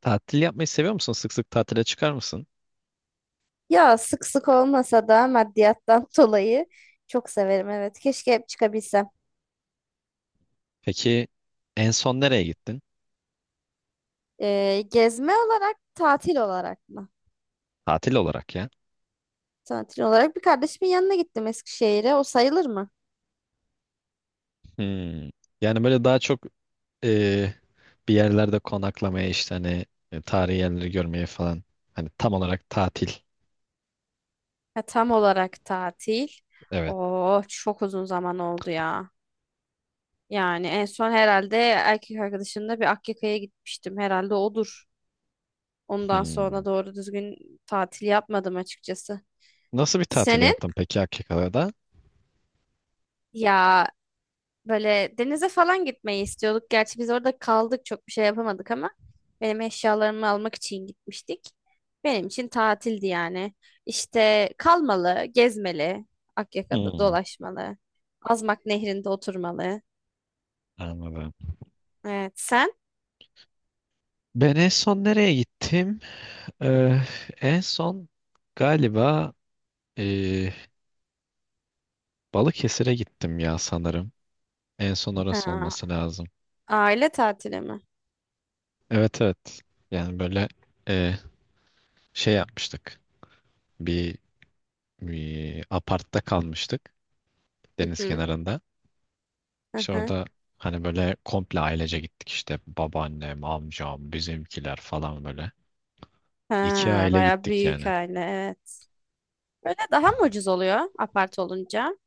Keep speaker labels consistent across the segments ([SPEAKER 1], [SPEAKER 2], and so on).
[SPEAKER 1] Tatil yapmayı seviyor musun? Sık sık tatile çıkar mısın?
[SPEAKER 2] Ya sık sık olmasa da maddiyattan dolayı çok severim, evet. Keşke hep çıkabilsem.
[SPEAKER 1] Peki en son nereye gittin?
[SPEAKER 2] Gezme olarak, tatil olarak mı?
[SPEAKER 1] Tatil olarak ya.
[SPEAKER 2] Tatil olarak bir kardeşimin yanına gittim, Eskişehir'e. O sayılır mı?
[SPEAKER 1] Hmm. Yani böyle daha çok e, bir yerlerde konaklamaya işte hani tarihi yerleri görmeye falan. Hani tam olarak tatil.
[SPEAKER 2] Ha, tam olarak tatil.
[SPEAKER 1] Evet.
[SPEAKER 2] Oo, çok uzun zaman oldu ya. Yani en son herhalde erkek arkadaşımla bir Akyaka'ya gitmiştim. Herhalde odur. Ondan
[SPEAKER 1] Hmm.
[SPEAKER 2] sonra doğru düzgün tatil yapmadım açıkçası.
[SPEAKER 1] Nasıl bir tatil
[SPEAKER 2] Senin?
[SPEAKER 1] yaptın peki Akika'da?
[SPEAKER 2] Ya, böyle denize falan gitmeyi istiyorduk. Gerçi biz orada kaldık, çok bir şey yapamadık ama benim eşyalarımı almak için gitmiştik. Benim için tatildi yani. İşte kalmalı, gezmeli, Akyaka'da
[SPEAKER 1] Hmm.
[SPEAKER 2] dolaşmalı, Azmak Nehri'nde oturmalı.
[SPEAKER 1] Anladım.
[SPEAKER 2] Evet, sen?
[SPEAKER 1] Ben en son nereye gittim? Ee, en son galiba e, Balıkesir'e gittim ya sanırım. En son orası
[SPEAKER 2] Ha,
[SPEAKER 1] olması lazım.
[SPEAKER 2] aile tatili mi?
[SPEAKER 1] Evet, evet. Yani böyle e, şey yapmıştık. Bir, bir apartta kalmıştık
[SPEAKER 2] Hı
[SPEAKER 1] deniz
[SPEAKER 2] hı,
[SPEAKER 1] kenarında.
[SPEAKER 2] hı
[SPEAKER 1] İşte
[SPEAKER 2] hı.
[SPEAKER 1] orada hani böyle komple ailece gittik işte babaannem, amcam, bizimkiler falan böyle. İki
[SPEAKER 2] Ha,
[SPEAKER 1] aile
[SPEAKER 2] bayağı
[SPEAKER 1] gittik yani.
[SPEAKER 2] büyük aile, evet. Böyle daha mı ucuz oluyor apart olunca?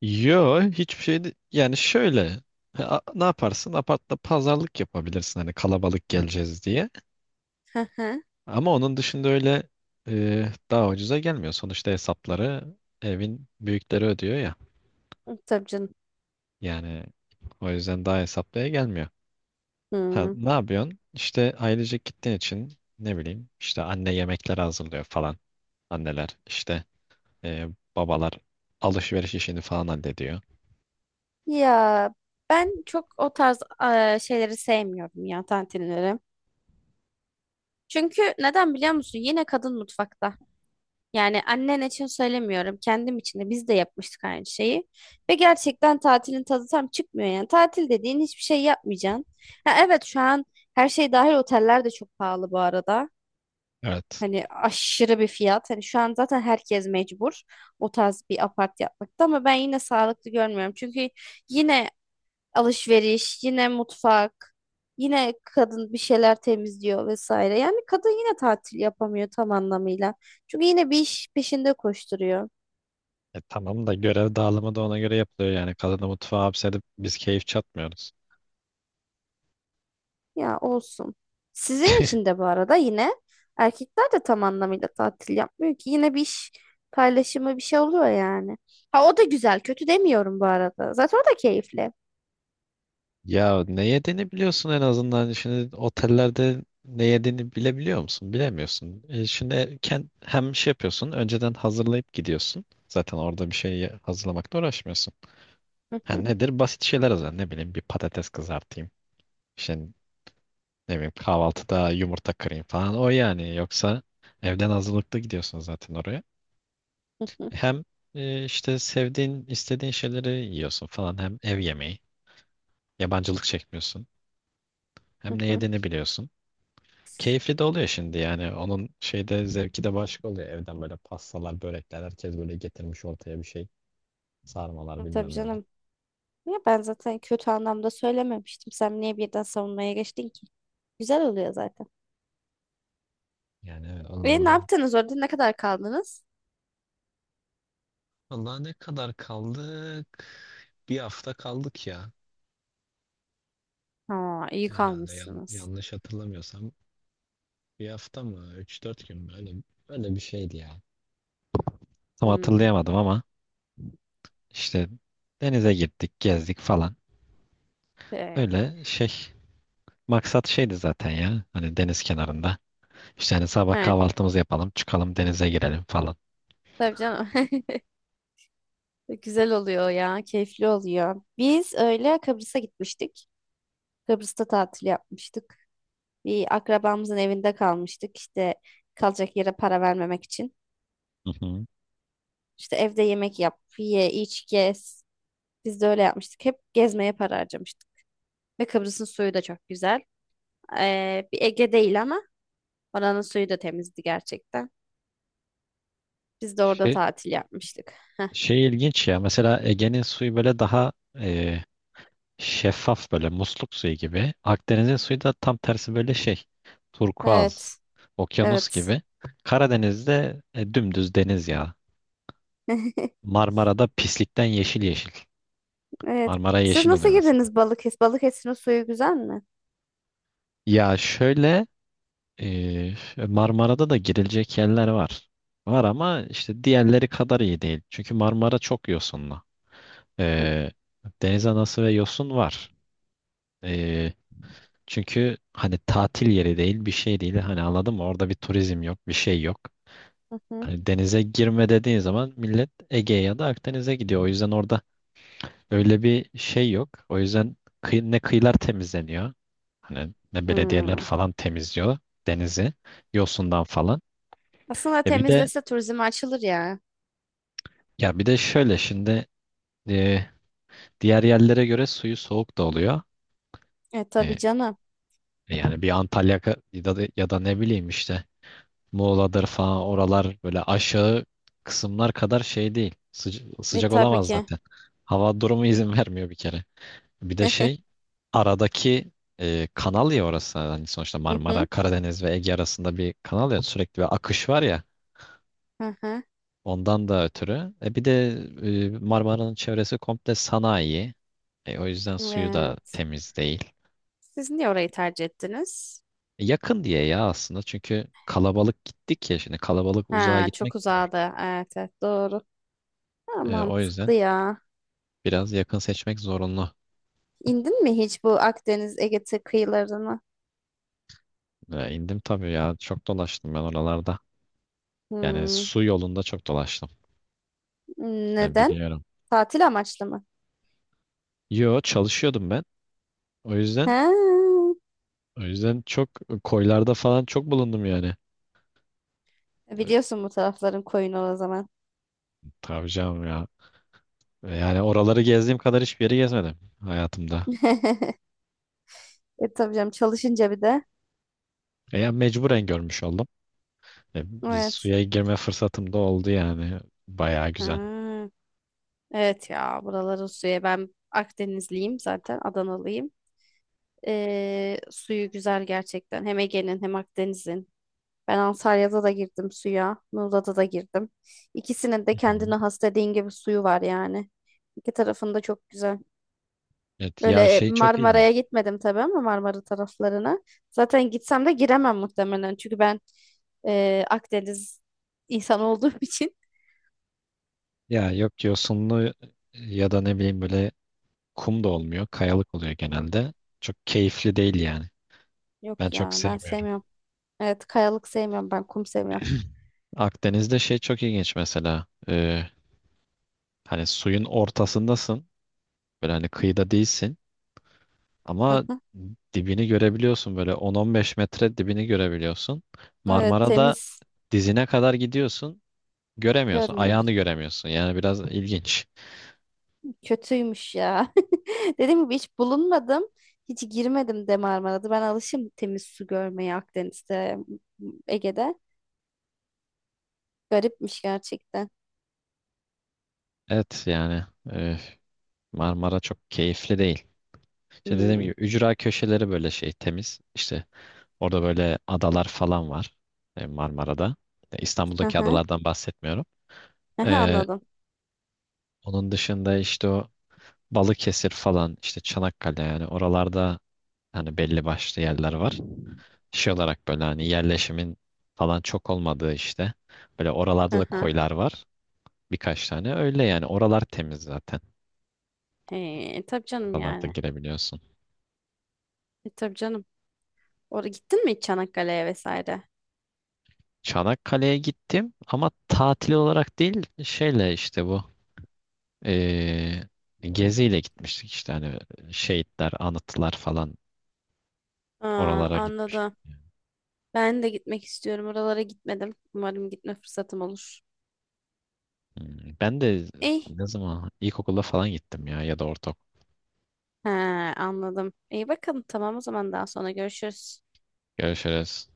[SPEAKER 1] Yo, hiçbir şey yani şöyle ne yaparsın, apartta pazarlık yapabilirsin hani kalabalık geleceğiz diye.
[SPEAKER 2] Hı hı.
[SPEAKER 1] Ama onun dışında öyle daha ucuza gelmiyor. Sonuçta hesapları evin büyükleri ödüyor ya.
[SPEAKER 2] Tabii canım.
[SPEAKER 1] Yani o yüzden daha hesaplıya gelmiyor. Ha,
[SPEAKER 2] Hı.
[SPEAKER 1] ne yapıyorsun? İşte ailecek gittiğin için ne bileyim işte anne yemekler hazırlıyor falan. Anneler işte e, babalar alışveriş işini falan hallediyor.
[SPEAKER 2] Ya ben çok o tarz şeyleri sevmiyorum ya, tantinleri. Çünkü neden biliyor musun? Yine kadın mutfakta. Yani annen için söylemiyorum. Kendim için de, biz de yapmıştık aynı şeyi. Ve gerçekten tatilin tadı tam çıkmıyor yani. Tatil dediğin hiçbir şey yapmayacaksın. Ha, evet şu an her şey dahil oteller de çok pahalı bu arada.
[SPEAKER 1] Evet.
[SPEAKER 2] Hani aşırı bir fiyat. Hani şu an zaten herkes mecbur o tarz bir apart yapmakta ama ben yine sağlıklı görmüyorum. Çünkü yine alışveriş, yine mutfak, yine kadın bir şeyler temizliyor vesaire. Yani kadın yine tatil yapamıyor tam anlamıyla. Çünkü yine bir iş peşinde koşturuyor.
[SPEAKER 1] Tamam da görev dağılımı da ona göre yapılıyor yani. Kadını mutfağa hapsedip biz keyif çatmıyoruz.
[SPEAKER 2] Ya olsun. Sizin için de bu arada yine erkekler de tam anlamıyla tatil yapmıyor ki. Yine bir iş paylaşımı bir şey oluyor yani. Ha, o da güzel, kötü demiyorum bu arada. Zaten o da keyifli.
[SPEAKER 1] Ya, ne yediğini biliyorsun en azından. Şimdi otellerde ne yediğini bilebiliyor musun? Bilemiyorsun. Şimdi hem şey yapıyorsun. Önceden hazırlayıp gidiyorsun. Zaten orada bir şey hazırlamakla uğraşmıyorsun. Ha, nedir? Basit şeyler hazırlan. Ne bileyim, bir patates kızartayım. İşte ne bileyim kahvaltıda yumurta kırayım falan. O yani. Yoksa evden hazırlıklı gidiyorsun zaten oraya. Hem işte sevdiğin, istediğin şeyleri yiyorsun falan. Hem ev yemeği. Yabancılık çekmiyorsun. Hem ne yediğini biliyorsun. Keyifli de oluyor şimdi yani. Onun şeyde zevki de başka oluyor. Evden böyle pastalar, börekler herkes böyle getirmiş ortaya bir şey. Sarmalar
[SPEAKER 2] Tabii
[SPEAKER 1] bilmem neler.
[SPEAKER 2] canım. Ya ben zaten kötü anlamda söylememiştim. Sen niye birden savunmaya geçtin ki? Güzel oluyor zaten.
[SPEAKER 1] Yani evet,
[SPEAKER 2] Ve
[SPEAKER 1] onun
[SPEAKER 2] ne
[SPEAKER 1] da.
[SPEAKER 2] yaptınız orada? Ne kadar kaldınız?
[SPEAKER 1] Valla, ne kadar kaldık? Bir hafta kaldık ya.
[SPEAKER 2] Ha, iyi
[SPEAKER 1] Herhalde
[SPEAKER 2] kalmışsınız.
[SPEAKER 1] yanlış hatırlamıyorsam. Bir hafta mı? Üç dört gün mü? Öyle bir şeydi ya. Tam
[SPEAKER 2] Hmm.
[SPEAKER 1] hatırlayamadım ama işte denize gittik, gezdik falan.
[SPEAKER 2] e,
[SPEAKER 1] Öyle şey, maksat şeydi zaten ya. Hani deniz kenarında. İşte hani sabah
[SPEAKER 2] Evet,
[SPEAKER 1] kahvaltımızı yapalım, çıkalım denize girelim falan.
[SPEAKER 2] tabii canım. Güzel oluyor ya, keyifli oluyor. Biz öyle Kıbrıs'a gitmiştik. Kıbrıs'ta tatil yapmıştık. Bir akrabamızın evinde kalmıştık. İşte kalacak yere para vermemek için.
[SPEAKER 1] Hı hı.
[SPEAKER 2] İşte evde yemek yap, ye, iç, gez. Biz de öyle yapmıştık. Hep gezmeye para harcamıştık. Ve Kıbrıs'ın suyu da çok güzel. Bir Ege değil ama oranın suyu da temizdi gerçekten. Biz de orada
[SPEAKER 1] Şey,
[SPEAKER 2] tatil yapmıştık.
[SPEAKER 1] şey ilginç ya. Mesela Ege'nin suyu böyle daha e, şeffaf, böyle musluk suyu gibi. Akdeniz'in suyu da tam tersi, böyle şey. Turkuaz,
[SPEAKER 2] Evet,
[SPEAKER 1] okyanus
[SPEAKER 2] evet.
[SPEAKER 1] gibi. Karadeniz'de dümdüz deniz ya. Marmara'da pislikten yeşil yeşil.
[SPEAKER 2] Evet.
[SPEAKER 1] Marmara
[SPEAKER 2] Siz
[SPEAKER 1] yeşil
[SPEAKER 2] nasıl
[SPEAKER 1] oluyor mesela.
[SPEAKER 2] girdiniz Balıkesir? Balıkesir'in suyu güzel mi?
[SPEAKER 1] Ya şöyle e, Marmara'da da girilecek yerler var. Var ama işte diğerleri kadar iyi değil. Çünkü Marmara çok yosunlu.
[SPEAKER 2] Hı
[SPEAKER 1] Ee, deniz anası ve yosun var. Ee, çünkü hani tatil yeri değil, bir şey değil. Hani, anladın mı? Orada bir turizm yok, bir şey yok.
[SPEAKER 2] hı.
[SPEAKER 1] Hani denize girme dediğin zaman millet Ege'ye ya da Akdeniz'e gidiyor. O yüzden orada öyle bir şey yok. O yüzden ne kıyılar temizleniyor. Hani ne belediyeler
[SPEAKER 2] Hmm.
[SPEAKER 1] falan temizliyor denizi yosundan falan.
[SPEAKER 2] Aslında
[SPEAKER 1] E bir de
[SPEAKER 2] temizlese turizme açılır ya.
[SPEAKER 1] bir de şöyle şimdi e, diğer yerlere göre suyu soğuk da oluyor.
[SPEAKER 2] E tabii
[SPEAKER 1] E,
[SPEAKER 2] canım.
[SPEAKER 1] yani bir Antalya ya da ne bileyim işte Muğla'dır falan, oralar böyle aşağı kısımlar kadar şey değil. Sıca-
[SPEAKER 2] E
[SPEAKER 1] sıcak
[SPEAKER 2] tabii
[SPEAKER 1] olamaz
[SPEAKER 2] ki.
[SPEAKER 1] zaten. Hava durumu izin vermiyor bir kere. Bir de şey, aradaki kanal ya orası. Hani sonuçta
[SPEAKER 2] Hı
[SPEAKER 1] Marmara,
[SPEAKER 2] hı.
[SPEAKER 1] Karadeniz ve Ege arasında bir kanal ya, sürekli bir akış var ya.
[SPEAKER 2] Hı hı.
[SPEAKER 1] Ondan da ötürü. Bir de Marmara'nın çevresi komple sanayi. O yüzden suyu da
[SPEAKER 2] Evet.
[SPEAKER 1] temiz değil.
[SPEAKER 2] Siz niye orayı tercih ettiniz?
[SPEAKER 1] Yakın diye ya aslında, çünkü kalabalık gittik ya, şimdi kalabalık uzağa
[SPEAKER 2] Ha,
[SPEAKER 1] gitmek
[SPEAKER 2] çok
[SPEAKER 1] zor.
[SPEAKER 2] uzadı. Evet, evet doğru. Ha,
[SPEAKER 1] O yüzden.
[SPEAKER 2] mantıklı ya.
[SPEAKER 1] Biraz yakın seçmek zorunlu.
[SPEAKER 2] İndin mi hiç bu Akdeniz Ege kıyılarına?
[SPEAKER 1] E, indim tabii ya. Çok dolaştım ben oralarda. Yani
[SPEAKER 2] Hmm.
[SPEAKER 1] su yolunda çok dolaştım. Yani
[SPEAKER 2] Neden?
[SPEAKER 1] biliyorum.
[SPEAKER 2] Tatil amaçlı mı?
[SPEAKER 1] Yo, çalışıyordum ben. O yüzden
[SPEAKER 2] Ha,
[SPEAKER 1] o yüzden çok koylarda falan çok bulundum yani. E,
[SPEAKER 2] biliyorsun bu tarafların koyunu o zaman.
[SPEAKER 1] Tabii canım ya. Yani oraları gezdiğim kadar hiçbir yeri gezmedim hayatımda.
[SPEAKER 2] E tabii canım çalışınca bir de.
[SPEAKER 1] Ya mecburen görmüş oldum. Biz
[SPEAKER 2] Evet.
[SPEAKER 1] suya girme fırsatım da oldu yani. Bayağı güzel.
[SPEAKER 2] Ha, evet ya, buraları suya, ben Akdenizliyim zaten, Adanalıyım. Suyu güzel gerçekten. Hem Ege'nin hem Akdeniz'in. Ben Antalya'da da girdim suya. Muğla'da da girdim. İkisinin de
[SPEAKER 1] Hı hı.
[SPEAKER 2] kendine has, dediğin gibi, suyu var yani. İki tarafında çok güzel.
[SPEAKER 1] Evet ya,
[SPEAKER 2] Böyle
[SPEAKER 1] şey çok iyi.
[SPEAKER 2] Marmara'ya gitmedim tabii, ama Marmara taraflarına. Zaten gitsem de giremem muhtemelen. Çünkü ben Akdeniz insan olduğum için.
[SPEAKER 1] Ya yok, yosunlu ya da ne bileyim böyle kum da olmuyor. Kayalık oluyor genelde. Çok keyifli değil yani. Ben
[SPEAKER 2] Yok
[SPEAKER 1] çok
[SPEAKER 2] ya, ben
[SPEAKER 1] sevmiyorum.
[SPEAKER 2] sevmiyorum. Evet, kayalık sevmiyorum, ben kum seviyorum.
[SPEAKER 1] Akdeniz'de şey çok ilginç mesela. Hani suyun ortasındasın. Böyle hani kıyıda değilsin.
[SPEAKER 2] Hı
[SPEAKER 1] Ama
[SPEAKER 2] hı.
[SPEAKER 1] dibini görebiliyorsun. Böyle 10-15 metre dibini görebiliyorsun. Evet.
[SPEAKER 2] Evet,
[SPEAKER 1] Marmara'da
[SPEAKER 2] temiz
[SPEAKER 1] dizine kadar gidiyorsun. Göremiyorsun. Ayağını
[SPEAKER 2] görmüyoruz.
[SPEAKER 1] göremiyorsun. Yani biraz ilginç.
[SPEAKER 2] Kötüymüş ya. Dediğim gibi, hiç bulunmadım. Hiç girmedim de Marmara'da. Ben alışım temiz su görmeye, Akdeniz'de, Ege'de. Garipmiş gerçekten.
[SPEAKER 1] Evet yani e, Marmara çok keyifli değil. İşte dediğim gibi
[SPEAKER 2] Hmm.
[SPEAKER 1] ücra köşeleri böyle şey, temiz. İşte orada böyle adalar falan var Marmara'da. E,
[SPEAKER 2] Hı
[SPEAKER 1] İstanbul'daki
[SPEAKER 2] hı.
[SPEAKER 1] adalardan bahsetmiyorum.
[SPEAKER 2] Hı hı,
[SPEAKER 1] E,
[SPEAKER 2] anladım.
[SPEAKER 1] onun dışında işte o Balıkesir falan, işte Çanakkale, yani oralarda hani belli başlı yerler var. Şey olarak böyle hani yerleşimin falan çok olmadığı işte. Böyle
[SPEAKER 2] Hı
[SPEAKER 1] oralarda da
[SPEAKER 2] hı.
[SPEAKER 1] koylar var birkaç tane. Öyle yani, oralar temiz zaten.
[SPEAKER 2] He, tabii canım
[SPEAKER 1] Oralarda
[SPEAKER 2] yani.
[SPEAKER 1] girebiliyorsun.
[SPEAKER 2] E, tabii canım. Oraya gittin mi hiç Çanakkale'ye vesaire?
[SPEAKER 1] Çanakkale'ye gittim ama tatil olarak değil, şeyle işte bu Ee, geziyle gitmiştik, işte hani şehitler, anıtlar falan,
[SPEAKER 2] Aa,
[SPEAKER 1] oralara gitmiştik.
[SPEAKER 2] anladım. Ben de gitmek istiyorum. Oralara gitmedim. Umarım gitme fırsatım olur.
[SPEAKER 1] Hmm, ben de
[SPEAKER 2] İyi.
[SPEAKER 1] ne zaman ilkokulda falan gittim ya ya da ortaokul.
[SPEAKER 2] He, anladım. İyi bakalım. Tamam, o zaman daha sonra görüşürüz.
[SPEAKER 1] Görüşürüz.